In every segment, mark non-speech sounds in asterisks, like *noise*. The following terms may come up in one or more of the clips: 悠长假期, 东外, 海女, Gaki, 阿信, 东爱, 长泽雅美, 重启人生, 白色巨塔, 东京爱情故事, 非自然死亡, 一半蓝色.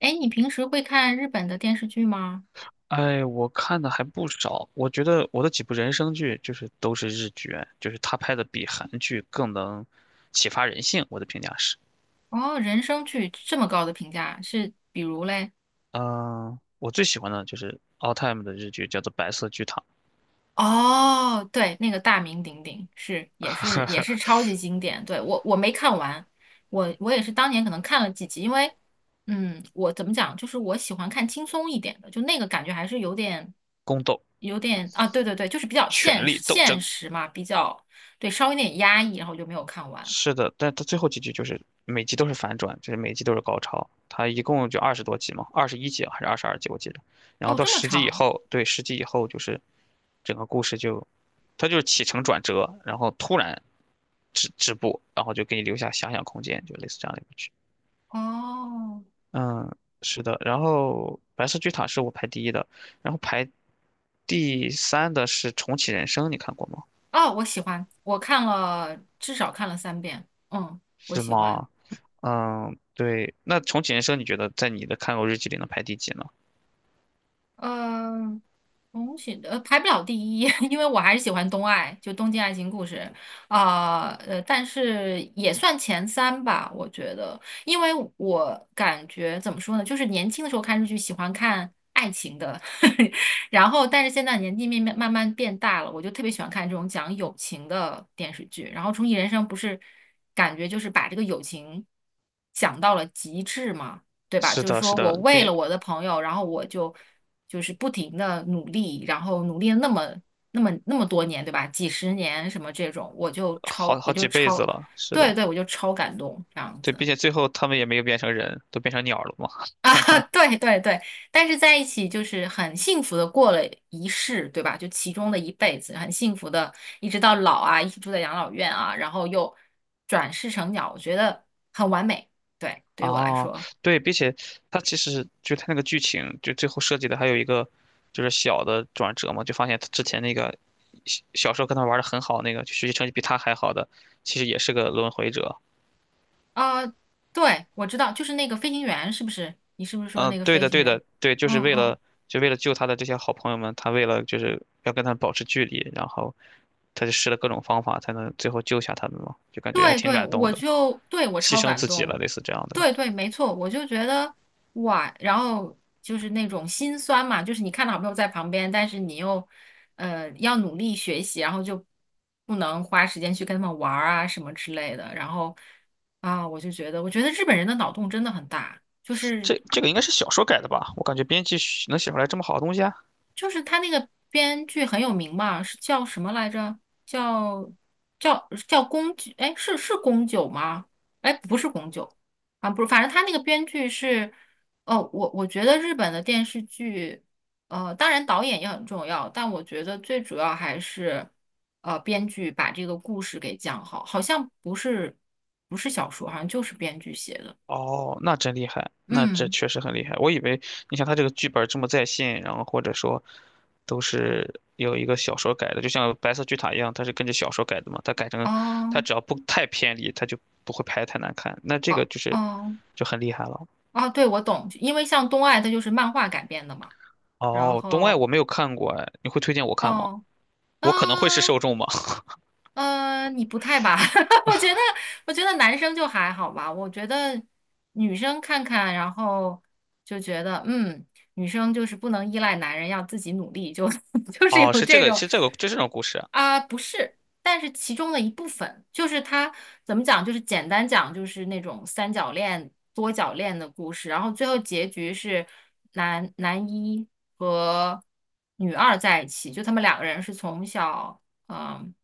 哎，你平时会看日本的电视剧吗？哎，我看的还不少，我觉得我的几部人生剧就是都是日剧，就是他拍的比韩剧更能启发人性，我的评价是。哦，人生剧这么高的评价，是比如嘞？嗯、我最喜欢的就是 all time 的日剧，叫做《白色巨塔》、哦，对，那个大名鼎鼎，也是超级经典。对，我没看完，我也是当年可能看了几集，因为我怎么讲，就是我喜欢看轻松一点的，就那个感觉还是有点宫斗、有点啊，对对对，就是比较权现力实斗现争。实嘛，比较对，稍微有点压抑，然后就没有看完。是的，但它最后几集就是每集都是反转，就是每集都是高潮。它一共就20多集嘛，21集啊还是22集我记得。然后哦，到这么十集以长后，对，十集以后就是整个故事就，它就是起承转折，然后突然止步，然后就给你留下遐想空间，就类似这样的一部剧。哦。嗯，是的。然后白色巨塔是我排第一的，然后排第三的是重启人生，你看过吗？哦，我喜欢，我看了至少看了三遍，嗯，我是喜欢。吗？嗯，对。那重启人生，你觉得在你的看过日记里能排第几呢？嗯，重启的排不了第一，*laughs* 因为我还是喜欢东爱，就《东京爱情故事》啊，但是也算前三吧，我觉得，因为我感觉怎么说呢，就是年轻的时候看日剧喜欢看爱情的，*laughs* 然后但是现在年纪慢慢慢慢变大了，我就特别喜欢看这种讲友情的电视剧，然后《重启人生》不是感觉就是把这个友情讲到了极致嘛。对吧？是就是的，说是的，我为并了我的朋友，然后我就是不停的努力，然后努力了那么多年，对吧？几十年什么这种，我就好超我好就几辈子超，了。是对的，对，我就超感动这样对，子并且最后他们也没有变成人，都变成鸟了嘛。*laughs* 哈啊，*laughs* 哈。对对对，但是在一起就是很幸福的过了一世，对吧？就其中的一辈子，很幸福的，一直到老啊，一起住在养老院啊，然后又转世成鸟，我觉得很完美。对，对于我来哦，说，对，并且他其实就他那个剧情，就最后设计的还有一个就是小的转折嘛，就发现他之前那个小时候跟他玩的很好那个，就学习成绩比他还好的，其实也是个轮回者。啊、对，我知道，就是那个飞行员，是不是？你是不是说嗯，那个对飞的，行对员？的，对，就是嗯为嗯。了救他的这些好朋友们，他为了就是要跟他们保持距离，然后他就试了各种方法才能最后救下他们嘛，就感觉还对挺对，感动的，我牺超牲感自己了，动，类似这样的。对对，没错，我就觉得哇，然后就是那种心酸嘛，就是你看到好朋友在旁边，但是你又要努力学习，然后就不能花时间去跟他们玩儿啊什么之类的，然后啊，我觉得日本人的脑洞真的很大，就是这个应该是小说改的吧？我感觉编辑能写出来这么好的东西啊。就是他那个编剧很有名嘛，是叫什么来着？叫叫宫九，哎，是宫九吗？哎，不是宫九啊，不是，反正他那个编剧是，哦，我觉得日本的电视剧，当然导演也很重要，但我觉得最主要还是，编剧把这个故事给讲好，好像不是小说，好像就是编剧写的，哦，那真厉害，那这嗯，确实很厉害。我以为你像他这个剧本这么在线，然后或者说都是有一个小说改的，就像《白色巨塔》一样，它是跟着小说改的嘛。它改成，它哦。只要不太偏离，它就不会拍得太难看。那这个哦就是哦，就很厉害了。啊，对，我懂，因为像东爱它就是漫画改编的嘛。然哦，《东外后，我没有看过，哎，你会推荐我看吗？哦，啊，我可能会是受众吗？*laughs* 你不太吧？*laughs* 我觉得，我觉得男生就还好吧。我觉得女生看看，然后就觉得，女生就是不能依赖男人，要自己努力，就 *laughs* 就是哦，有是这这个，种是这个，就这种故事啊，啊，不是，但是其中的一部分，就是他怎么讲，就是简单讲，就是那种三角恋、多角恋的故事，然后最后结局是男一和女二在一起，就他们两个人是从小。嗯，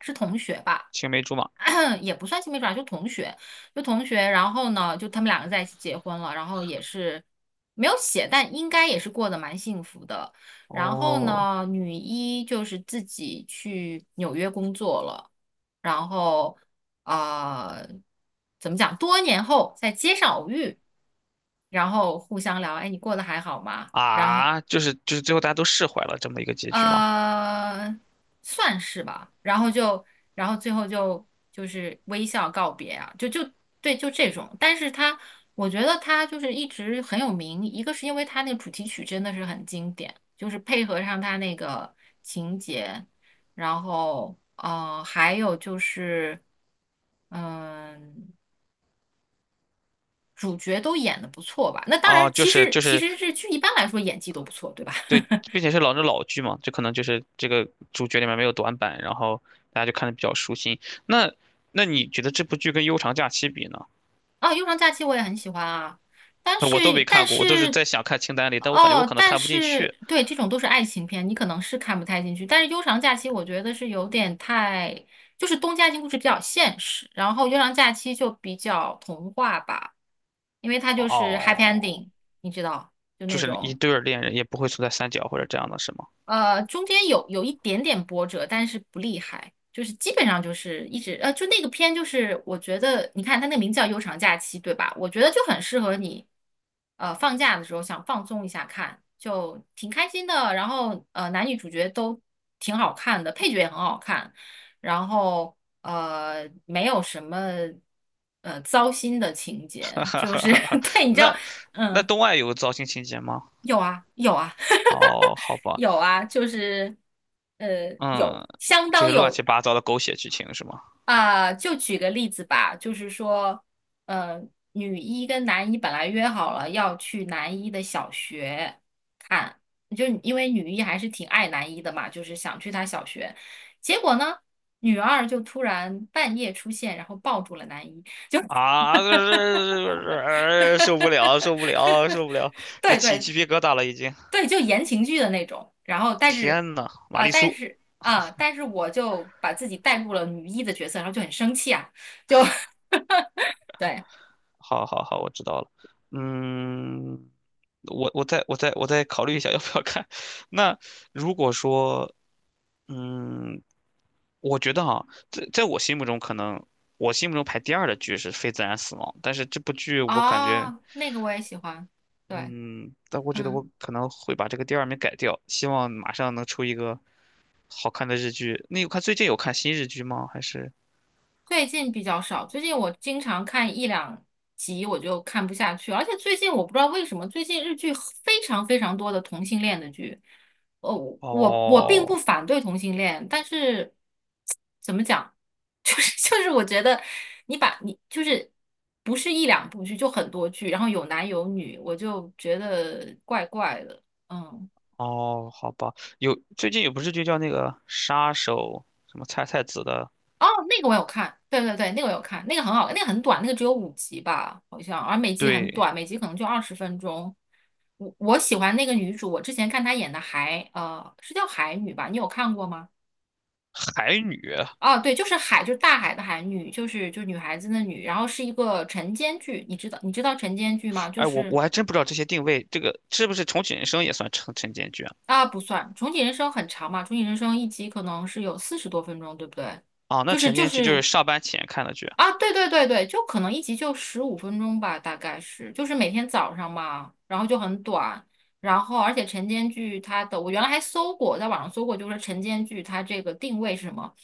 是同学吧，青梅竹马。*clears throat* 也不算青梅竹马，就同学。然后呢，就他们两个在一起结婚了，然后也是没有写，但应该也是过得蛮幸福的。然后哦，呢，女一就是自己去纽约工作了，然后啊，怎么讲？多年后在街上偶遇，然后互相聊，哎，你过得还好吗？然后啊，就是最后大家都释怀了这么一个结局吗？呃，算是吧。然后就，然后最后就是微笑告别啊，就对，就这种。但是他，我觉得他就是一直很有名，一个是因为他那个主题曲真的是很经典，就是配合上他那个情节，然后还有就是，嗯、主角都演的不错吧。那当然，哦，就其是实就其是实日剧一般来说演技都不错，对吧？对，*laughs* 并且是老剧嘛，这可能就是这个主角里面没有短板，然后大家就看的比较舒心。那那你觉得这部剧跟《悠长假期》比呢？哦，啊《悠长假期》我也很喜欢啊，但我都是没看但过，我都是是，在想看清单里，但我感觉我哦，可能但看不进是去。对，这种都是爱情片，你可能是看不太进去。但是《悠长假期》我觉得是有点太，就是东家庭故事比较现实，然后《悠长假期》就比较童话吧，因为它就是 happy 哦，ending，你知道，就就那是一种。对儿恋人也不会存在三角或者这样的，是吗？中间有一点点波折，但是不厉害，就是基本上就是一直就那个片就是我觉得，你看它那个名字叫《悠长假期》，对吧？我觉得就很适合你，放假的时候想放松一下看，就挺开心的。然后男女主角都挺好看的，配角也很好看，然后没有什么糟心的情节，就 *laughs* 是 *laughs* 对，你知道，那嗯。东爱有糟心情节吗？有啊，有啊，哦，*laughs* 好吧，有啊，就是有嗯，相就当是乱有七八糟的狗血剧情是吗？啊、就举个例子吧，就是说，呃，女一跟男一本来约好了要去男一的小学看，就因为女一还是挺爱男一的嘛，就是想去他小学，结果呢，女二就突然半夜出现，然后抱住了男一。啊，就是受不了，受不了，受不了，*laughs* 这对起对，鸡皮疙瘩了已经。对，就言情剧的那种。然后，但是，天呐，玛啊、丽但苏，是啊、但是我就把自己带入了女一的角色，然后就很生气啊，就 *laughs* 对，好好好，我知道了。嗯，我再考虑一下要不要看。*laughs* 那如果说，嗯，我觉得在我心目中可能我心目中排第二的剧是《非自然死亡》，但是这部剧我感觉，哦，那个我也喜欢，对，嗯，但我觉得嗯。我可能会把这个第二名改掉，希望马上能出一个好看的日剧。那有看最近有看新日剧吗？还是最近比较少，最近我经常看一两集我就看不下去，而且最近我不知道为什么，最近日剧非常非常多的同性恋的剧。呃，我并不哦反对同性恋，但是怎么讲，*laughs* 就是我觉得你就是不是一两部剧，就很多剧，然后有男有女，我就觉得怪怪的，嗯。哦，好吧，有最近有部日剧叫那个杀手什么菜菜子的，哦，那个我有看，对对对，那个我有看，那个很好，那个很短，那个只有五集吧，好像，而每集很对，短，每集可能就二十分钟。我喜欢那个女主，我之前看她演的海，是叫海女吧？你有看过吗？海女。哦，对，就是海，就是大海的海女，就是女孩子的女，然后是一个晨间剧，你知道晨间剧吗？就哎，我是我还真不知道这些定位，这个是不是重启人生也算晨间剧啊？啊，不算，重启人生很长嘛，重启人生一集可能是有四十多分钟，对不对？啊，那就是晨就间剧就是是上班前看的剧啊，对对对对，就可能一集就十五分钟吧，大概是，就是每天早上嘛，然后就很短，然后而且晨间剧它的，我原来还搜过，在网上搜过，就是晨间剧它这个定位是什么？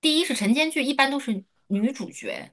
第一是晨间剧一般都是女主角，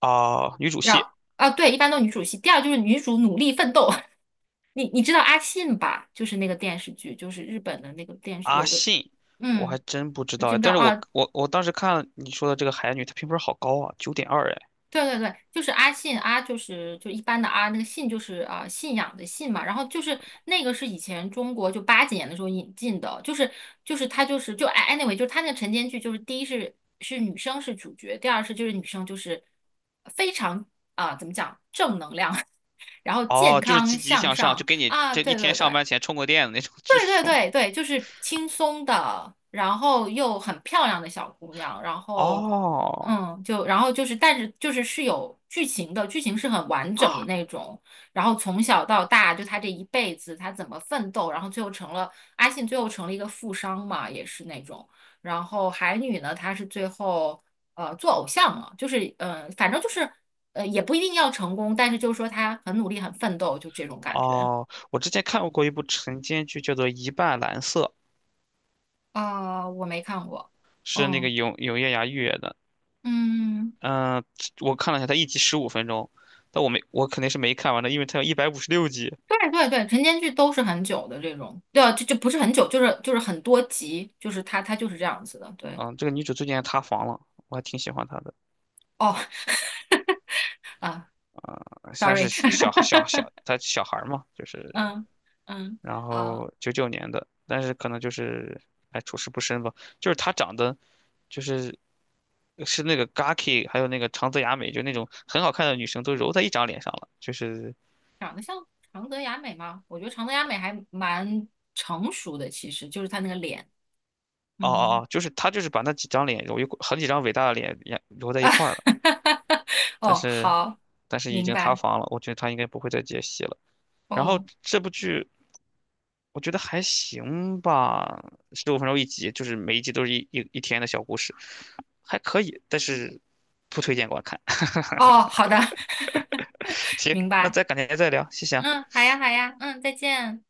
啊，女主让戏啊对，一般都女主戏，第二就是女主努力奋斗，*laughs* 你知道阿信吧？就是那个电视剧，就是日本的那个电视有阿一个，信。我还嗯，真不知知道，不知道但是我啊？我我当时看了你说的这个海女，她评分好高啊，9.2哎对对对，就是阿信，阿就是一般的阿，那个信就是啊、信仰的信嘛，然后就是那个是以前中国就八几年的时候引进的，就是他就是就哎 anyway，就是他那个晨间剧，就是第一是女生是主角，第二就是女生就是非常啊、怎么讲正能量，*laughs* 然后健哦，就是康积极向向上，上就给你啊，这一对天对上对，班前充过电的那种剧对对是吗？对对，就是轻松的，然后又很漂亮的小姑娘，然 *laughs* 后哦，就然后就是，但是是有剧情的，剧情是很完整的啊，那种。然后从小到大，就她这一辈子，她怎么奋斗，然后最后成了阿信，最后成了一个富商嘛，也是那种。然后海女呢，她是最后做偶像了，就是反正就是也不一定要成功，但是就是说她很努力，很奋斗，就这种感觉。哦，我之前看过一部晨间剧，叫做《一半蓝色》，啊、我没看过。是那个嗯永永夜芽月的。嗯，嗯、我看了一下，它一集十五分钟，但我没，我肯定是没看完的，因为它有156集。对对对，晨间剧都是很久的这种，对啊，就不是很久，就是很多集，就是它就是这样子的。对，嗯、这个女主最近还塌房了，我还挺喜欢她的。哦啊啊、现在是，sorry，*laughs* 小，她小孩儿嘛，就是嗯嗯然啊，后99年的，但是可能就是哎处事不深吧，就是他长得就是是那个 Gaki，还有那个长泽雅美，就那种很好看的女生都揉在一张脸上了，就是长得像长泽雅美吗？我觉得长泽雅美还蛮成熟的，其实就是她那个脸，哦哦嗯哦，就是他就是把那几张脸揉一块，很几张伟大的脸也揉在啊，一块儿了，*laughs* 但哦是好，但是已明经塌白，房了，我觉得他应该不会再接戏了。然后哦这部剧我觉得还行吧，十五分钟一集，就是每一集都是一天的小故事，还可以，但是不推荐观看。*laughs* 哦好的，*laughs* 行，明那白，再改天再聊，谢谢啊。嗯，好呀好呀，嗯，再见。